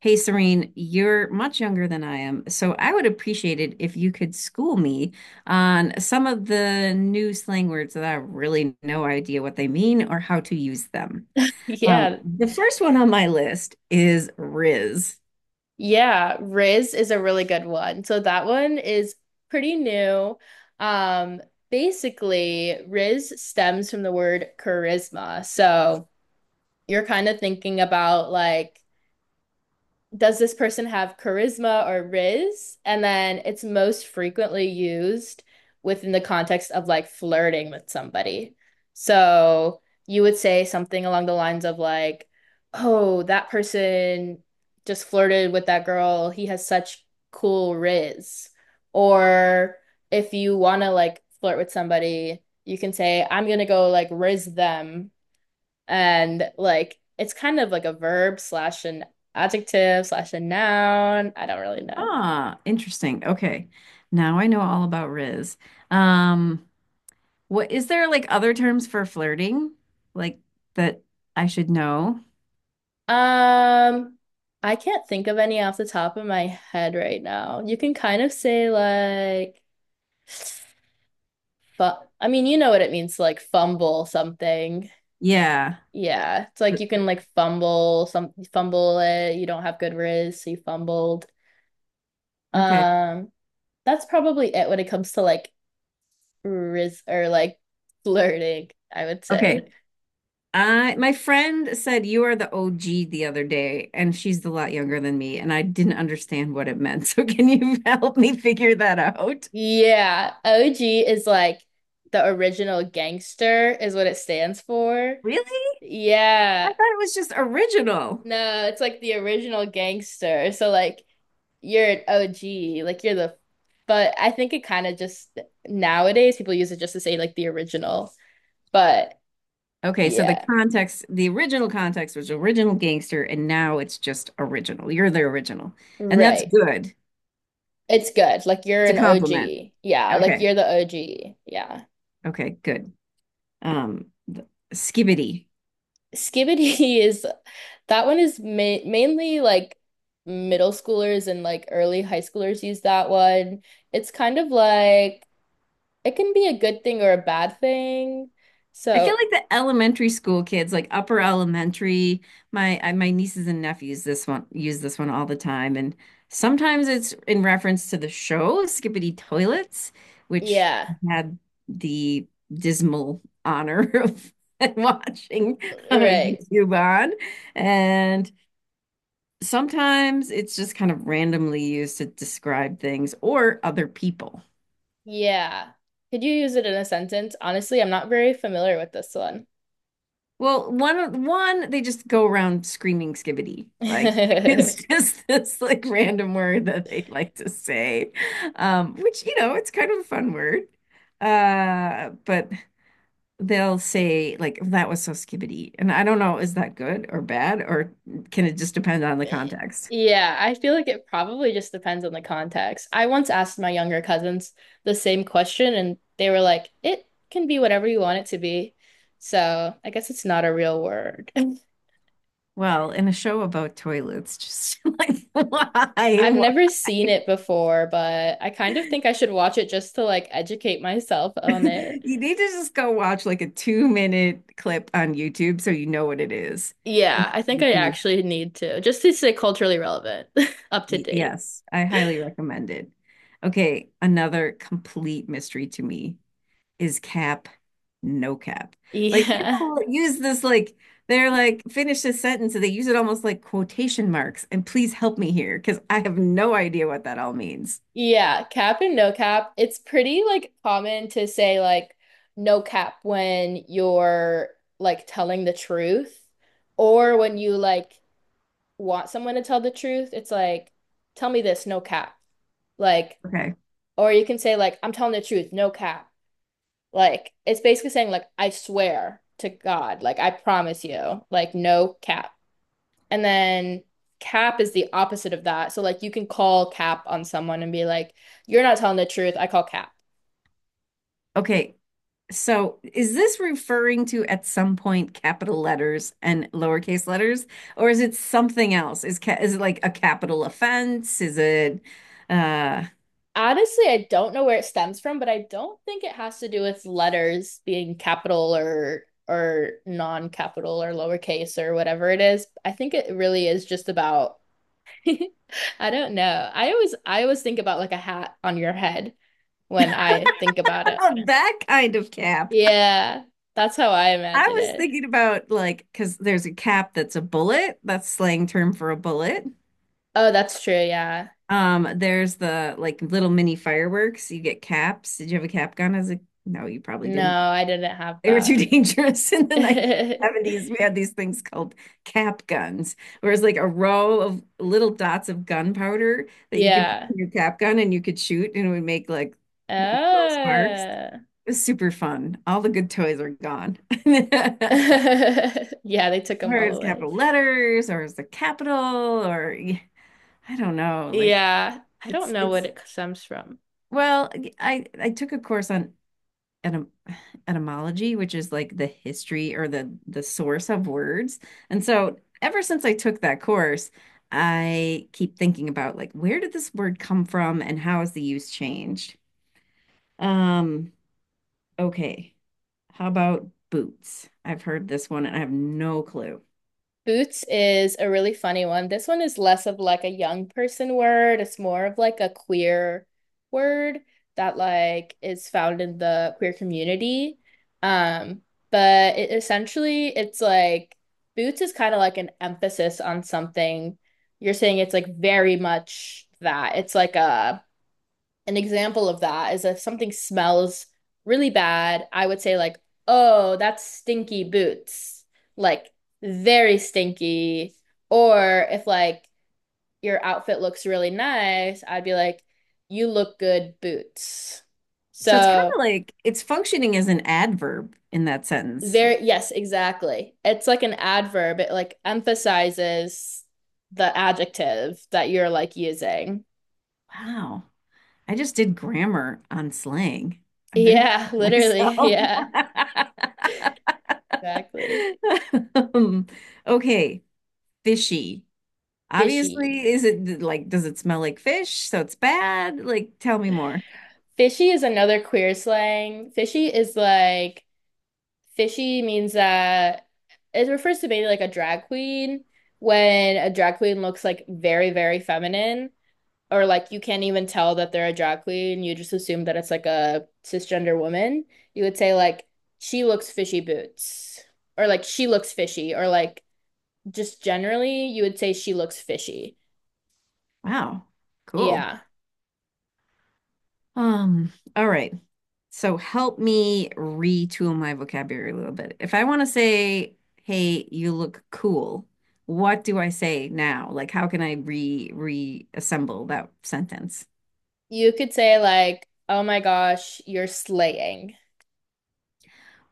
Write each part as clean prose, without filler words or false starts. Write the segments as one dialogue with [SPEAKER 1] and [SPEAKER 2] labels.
[SPEAKER 1] Hey, Serene, you're much younger than I am, so I would appreciate it if you could school me on some of the new slang words that I have really no idea what they mean or how to use them.
[SPEAKER 2] Yeah.
[SPEAKER 1] The first one on my list is Riz.
[SPEAKER 2] Yeah. Riz is a really good one. So that one is pretty new. Um, basically, Riz stems from the word charisma. So you're kind of thinking about like, does this person have charisma or riz? And then it's most frequently used within the context of like flirting with somebody. So you would say something along the lines of like, oh, that person just flirted with that girl. He has such cool riz. Or if you want to like flirt with somebody, you can say, I'm gonna go like riz them, and like it's kind of like a verb slash an adjective slash a noun. I don't really know.
[SPEAKER 1] Ah, interesting. Okay. Now I know all about Riz. Um, what is there like other terms for flirting like that I should know?
[SPEAKER 2] Um, I can't think of any off the top of my head right now. You can kind of say like I mean, you know what it means to like fumble something.
[SPEAKER 1] Yeah.
[SPEAKER 2] Yeah, it's
[SPEAKER 1] Uh,
[SPEAKER 2] like you can like fumble it. You don't have good riz, so you fumbled.
[SPEAKER 1] Okay.
[SPEAKER 2] Um, that's probably it when it comes to like riz or like flirting, I would say.
[SPEAKER 1] Okay. I my friend said you are the OG the other day, and she's a lot younger than me, and I didn't understand what it meant. So can you help me figure that out?
[SPEAKER 2] Yeah, OG is like the original gangster is what it stands for.
[SPEAKER 1] Really? I
[SPEAKER 2] Yeah.
[SPEAKER 1] thought it was just original.
[SPEAKER 2] No, it's like the original gangster. So like you're an OG, like you're the— but I think it kind of just nowadays people use it just to say like the original. But
[SPEAKER 1] Okay, so the
[SPEAKER 2] yeah,
[SPEAKER 1] context, the original context was original gangster, and now it's just original. You're the original. And that's
[SPEAKER 2] right.
[SPEAKER 1] good.
[SPEAKER 2] It's good. Like you're
[SPEAKER 1] It's a
[SPEAKER 2] an
[SPEAKER 1] compliment.
[SPEAKER 2] OG. Yeah, like
[SPEAKER 1] Okay.
[SPEAKER 2] you're the OG. Yeah.
[SPEAKER 1] Okay, good. Um, th- Skibbity.
[SPEAKER 2] Skibbity is— that one is ma mainly like middle schoolers and like early high schoolers use that one. It's kind of like it can be a good thing or a bad thing.
[SPEAKER 1] I feel
[SPEAKER 2] So,
[SPEAKER 1] like the elementary school kids, like upper elementary, my nieces and nephews this one use this one all the time, and sometimes it's in reference to the show Skippity Toilets, which
[SPEAKER 2] yeah,
[SPEAKER 1] I had the dismal honor of watching
[SPEAKER 2] right.
[SPEAKER 1] YouTube on, and sometimes it's just kind of randomly used to describe things or other people.
[SPEAKER 2] Yeah. Could you use it in a sentence? Honestly, I'm not very familiar with this one.
[SPEAKER 1] Well, one they just go around screaming skibbity. Like it's just this like random word that they like to say. Which, it's kind of a fun word. But they'll say like that was so skibbity. And I don't know, is that good or bad, or can it just depend on the
[SPEAKER 2] thing.
[SPEAKER 1] context?
[SPEAKER 2] Yeah, I feel like it probably just depends on the context. I once asked my younger cousins the same question, and they were like, it can be whatever you want it to be. So I guess it's not a real word.
[SPEAKER 1] Well, in a show about toilets, just like why?
[SPEAKER 2] I've
[SPEAKER 1] Why?
[SPEAKER 2] never seen it before, but I kind of think I should watch it just to like educate myself on it.
[SPEAKER 1] You need to just go watch like a 2 minute clip on YouTube so you know what it is. And
[SPEAKER 2] Yeah, I
[SPEAKER 1] then
[SPEAKER 2] think I actually need to, just to stay culturally relevant, up to date.
[SPEAKER 1] yes, I highly recommend it. Okay, another complete mystery to me is cap, no cap. Like
[SPEAKER 2] Yeah.
[SPEAKER 1] people use this like they're like finish this sentence and they use it almost like quotation marks. And please help me here because I have no idea what that all means.
[SPEAKER 2] Yeah, cap and no cap. It's pretty like common to say like no cap when you're like telling the truth or when you like want someone to tell the truth. It's like, tell me this, no cap. Like,
[SPEAKER 1] Okay.
[SPEAKER 2] or you can say like, I'm telling the truth, no cap. Like it's basically saying like, I swear to God, like I promise you, like no cap. And then cap is the opposite of that. So like you can call cap on someone and be like, you're not telling the truth. I call cap.
[SPEAKER 1] Okay. So is this referring to at some point capital letters and lowercase letters, or is it something else? Is it like a capital offense? Is it uh
[SPEAKER 2] Honestly, I don't know where it stems from, but I don't think it has to do with letters being capital or non-capital or lowercase or whatever it is. I think it really is just about— I don't know. I always think about like a hat on your head when I think about it.
[SPEAKER 1] that kind of cap?
[SPEAKER 2] Yeah, that's how I
[SPEAKER 1] I
[SPEAKER 2] imagine
[SPEAKER 1] was
[SPEAKER 2] it.
[SPEAKER 1] thinking about like because there's a cap that's a bullet, that's slang term for a bullet.
[SPEAKER 2] Oh, that's true, yeah.
[SPEAKER 1] There's the like little mini fireworks. You get caps. Did you have a cap gun as a? No, you probably
[SPEAKER 2] No,
[SPEAKER 1] didn't.
[SPEAKER 2] I didn't have
[SPEAKER 1] They were too
[SPEAKER 2] that.
[SPEAKER 1] dangerous in the 1970s. We had these things called cap guns, where it's like a row of little dots of gunpowder that you could put
[SPEAKER 2] Yeah.
[SPEAKER 1] in your cap gun and you could shoot and it would make like little sparks.
[SPEAKER 2] Ah.
[SPEAKER 1] It was super fun. All the good toys are gone.
[SPEAKER 2] Yeah, they took
[SPEAKER 1] Or
[SPEAKER 2] them all
[SPEAKER 1] it's
[SPEAKER 2] away.
[SPEAKER 1] capital letters, or it's the capital, or I don't know.
[SPEAKER 2] Yeah, I don't
[SPEAKER 1] It's
[SPEAKER 2] know what
[SPEAKER 1] it's
[SPEAKER 2] it stems from.
[SPEAKER 1] well, I took a course on etym etymology, which is like the history or the source of words. And so ever since I took that course, I keep thinking about like where did this word come from and how has the use changed? Um, okay. How about boots? I've heard this one and I have no clue.
[SPEAKER 2] Boots is a really funny one. This one is less of like a young person word. It's more of like a queer word that like is found in the queer community. Um, but it essentially it's like boots is kind of like an emphasis on something. You're saying it's like very much that. It's like a an example of that is if something smells really bad, I would say like, "Oh, that's stinky boots." Like very stinky. Or if like your outfit looks really nice, I'd be like, "You look good, boots."
[SPEAKER 1] So it's kind
[SPEAKER 2] So,
[SPEAKER 1] of like it's functioning as an adverb in that sentence.
[SPEAKER 2] there— yes, exactly. It's like an adverb. It like emphasizes the adjective that you're like using.
[SPEAKER 1] Wow. I just did grammar on slang. I'm very proud
[SPEAKER 2] Yeah,
[SPEAKER 1] of
[SPEAKER 2] literally.
[SPEAKER 1] myself.
[SPEAKER 2] Yeah, exactly.
[SPEAKER 1] Um, okay, fishy.
[SPEAKER 2] Fishy.
[SPEAKER 1] Obviously, is it like, does it smell like fish? So it's bad? Like, tell me more.
[SPEAKER 2] Fishy is another queer slang. Fishy is like— fishy means that it refers to maybe like a drag queen, when a drag queen looks like very, very feminine, or like you can't even tell that they're a drag queen. You just assume that it's like a cisgender woman. You would say like, she looks fishy boots, or like she looks fishy, or like just generally you would say she looks fishy.
[SPEAKER 1] Wow, cool.
[SPEAKER 2] Yeah.
[SPEAKER 1] All right. So help me retool my vocabulary a little bit. If I want to say, hey, you look cool, what do I say now? Like, how can I re reassemble that sentence?
[SPEAKER 2] You could say like, oh my gosh, you're slaying.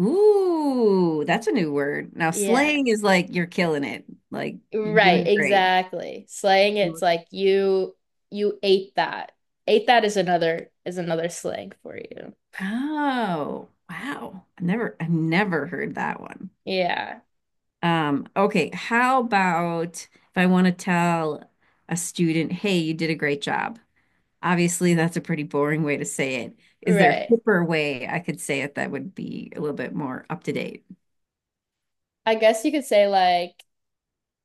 [SPEAKER 1] Ooh, that's a new word. Now,
[SPEAKER 2] Yeah.
[SPEAKER 1] slaying is like you're killing it. Like you're
[SPEAKER 2] Right,
[SPEAKER 1] doing great.
[SPEAKER 2] exactly. Slaying, it's like you ate that. Ate that is another slang for you.
[SPEAKER 1] Oh, wow. I've never heard that one.
[SPEAKER 2] Yeah,
[SPEAKER 1] Okay, how about if I want to tell a student, hey, you did a great job? Obviously, that's a pretty boring way to say it. Is there a
[SPEAKER 2] right.
[SPEAKER 1] hipper way I could say it that would be a little bit more up to date?
[SPEAKER 2] I guess you could say like,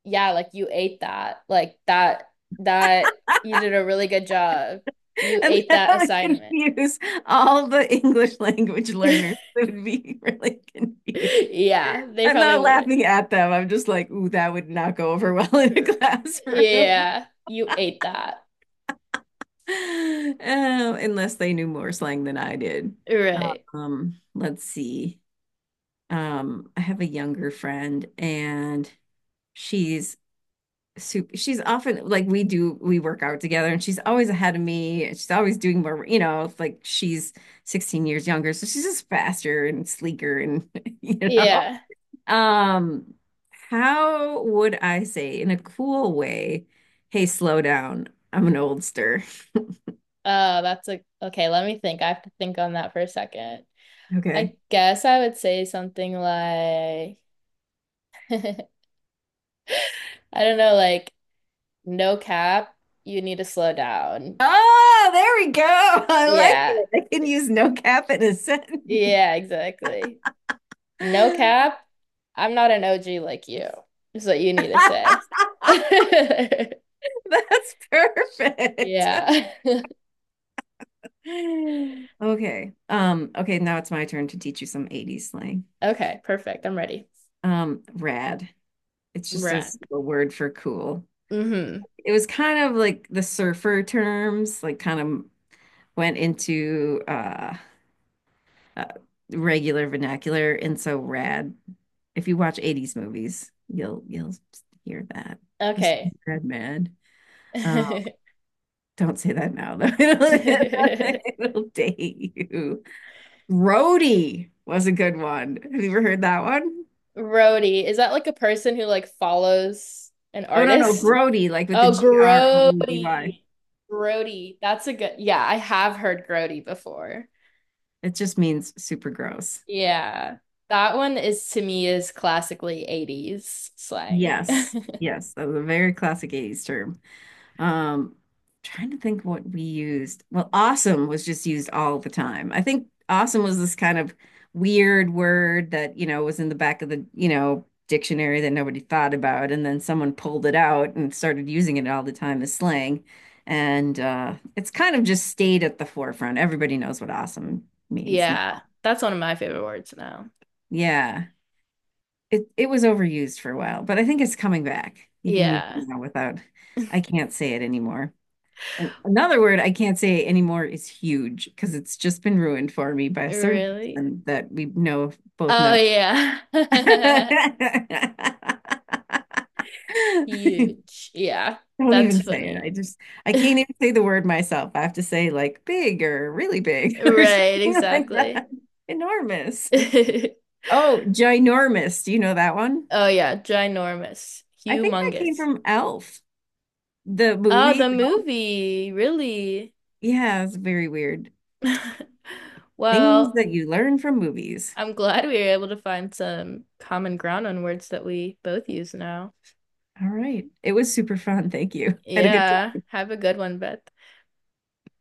[SPEAKER 2] yeah, like you ate that. Like that you did a really good job. You
[SPEAKER 1] And
[SPEAKER 2] ate
[SPEAKER 1] that
[SPEAKER 2] that
[SPEAKER 1] would
[SPEAKER 2] assignment.
[SPEAKER 1] confuse all the English language learners. They would be really confused.
[SPEAKER 2] Yeah, they
[SPEAKER 1] I'm
[SPEAKER 2] probably
[SPEAKER 1] not
[SPEAKER 2] wouldn't.
[SPEAKER 1] laughing at them. I'm just like, ooh, that would not go over well in a classroom.
[SPEAKER 2] Yeah, you ate that.
[SPEAKER 1] Unless they knew more slang than I did.
[SPEAKER 2] Right.
[SPEAKER 1] Let's see. I have a younger friend and she's she's often like we work out together and she's always ahead of me. And She's always doing more, you know, it's like she's 16 years younger, so she's just faster and sleeker and you know.
[SPEAKER 2] Yeah.
[SPEAKER 1] Um, how would I say in a cool way, hey, slow down. I'm an oldster.
[SPEAKER 2] That's a— okay, let me think. I have to think on that for a second.
[SPEAKER 1] Okay.
[SPEAKER 2] I guess I would say something like, I don't know, like, no cap, you need to slow down.
[SPEAKER 1] Oh, there we go. I like
[SPEAKER 2] Yeah.
[SPEAKER 1] it. I can use no cap in a sentence.
[SPEAKER 2] Yeah, exactly. No cap, I'm not an OG like you, is what you need to say.
[SPEAKER 1] That's perfect.
[SPEAKER 2] Yeah.
[SPEAKER 1] Okay. Okay, now it's my turn to teach you some 80s slang.
[SPEAKER 2] Okay, perfect. I'm ready.
[SPEAKER 1] Rad. It's just
[SPEAKER 2] Rad.
[SPEAKER 1] a word for cool.
[SPEAKER 2] Mm-hmm.
[SPEAKER 1] It was kind of like the surfer terms, like kind of went into uh, regular vernacular and so rad. If you watch 80s movies, you'll hear that. Just
[SPEAKER 2] Okay.
[SPEAKER 1] red man. Um, don't say that now though. It'll date you. Grody was a good one. Have you ever heard that one?
[SPEAKER 2] Roadie, is that like a person who like follows an
[SPEAKER 1] Oh no, no,
[SPEAKER 2] artist?
[SPEAKER 1] Grody, like with the
[SPEAKER 2] Oh,
[SPEAKER 1] Grody.
[SPEAKER 2] Grody. Grody. That's a good. Yeah, I have heard Grody before.
[SPEAKER 1] It just means super gross.
[SPEAKER 2] Yeah. That one is to me is classically 80s slang.
[SPEAKER 1] Yes. Yes, that was a very classic 80s term. Um, trying to think what we used. Well, awesome was just used all the time. I think awesome was this kind of weird word that, you know, was in the back of the, you know, dictionary that nobody thought about, and then someone pulled it out and started using it all the time as slang. And it's kind of just stayed at the forefront. Everybody knows what awesome means now.
[SPEAKER 2] Yeah. That's one of my favorite words now.
[SPEAKER 1] Yeah. It was overused for a while, but I think it's coming back. You can use
[SPEAKER 2] Yeah.
[SPEAKER 1] it now without, I can't say it anymore. And another word I can't say anymore is huge because it's just been ruined for me by a certain
[SPEAKER 2] Really?
[SPEAKER 1] person that we know both
[SPEAKER 2] Oh
[SPEAKER 1] know.
[SPEAKER 2] yeah. Huge. Yeah.
[SPEAKER 1] Don't
[SPEAKER 2] That's
[SPEAKER 1] even say it.
[SPEAKER 2] funny.
[SPEAKER 1] I can't even say the word myself. I have to say like big or really big or
[SPEAKER 2] Right,
[SPEAKER 1] something like
[SPEAKER 2] exactly.
[SPEAKER 1] that. Enormous.
[SPEAKER 2] Oh
[SPEAKER 1] Oh, ginormous. Do you know that one?
[SPEAKER 2] yeah, ginormous.
[SPEAKER 1] I think that came
[SPEAKER 2] Humongous.
[SPEAKER 1] from Elf, the
[SPEAKER 2] Oh,
[SPEAKER 1] movie.
[SPEAKER 2] the movie. Really?
[SPEAKER 1] Yeah, it's very weird. Things
[SPEAKER 2] Well,
[SPEAKER 1] that you learn from movies.
[SPEAKER 2] I'm glad we were able to find some common ground on words that we both use now.
[SPEAKER 1] All right. It was super fun. Thank you. Had a good
[SPEAKER 2] Yeah,
[SPEAKER 1] time.
[SPEAKER 2] have a good one, Beth.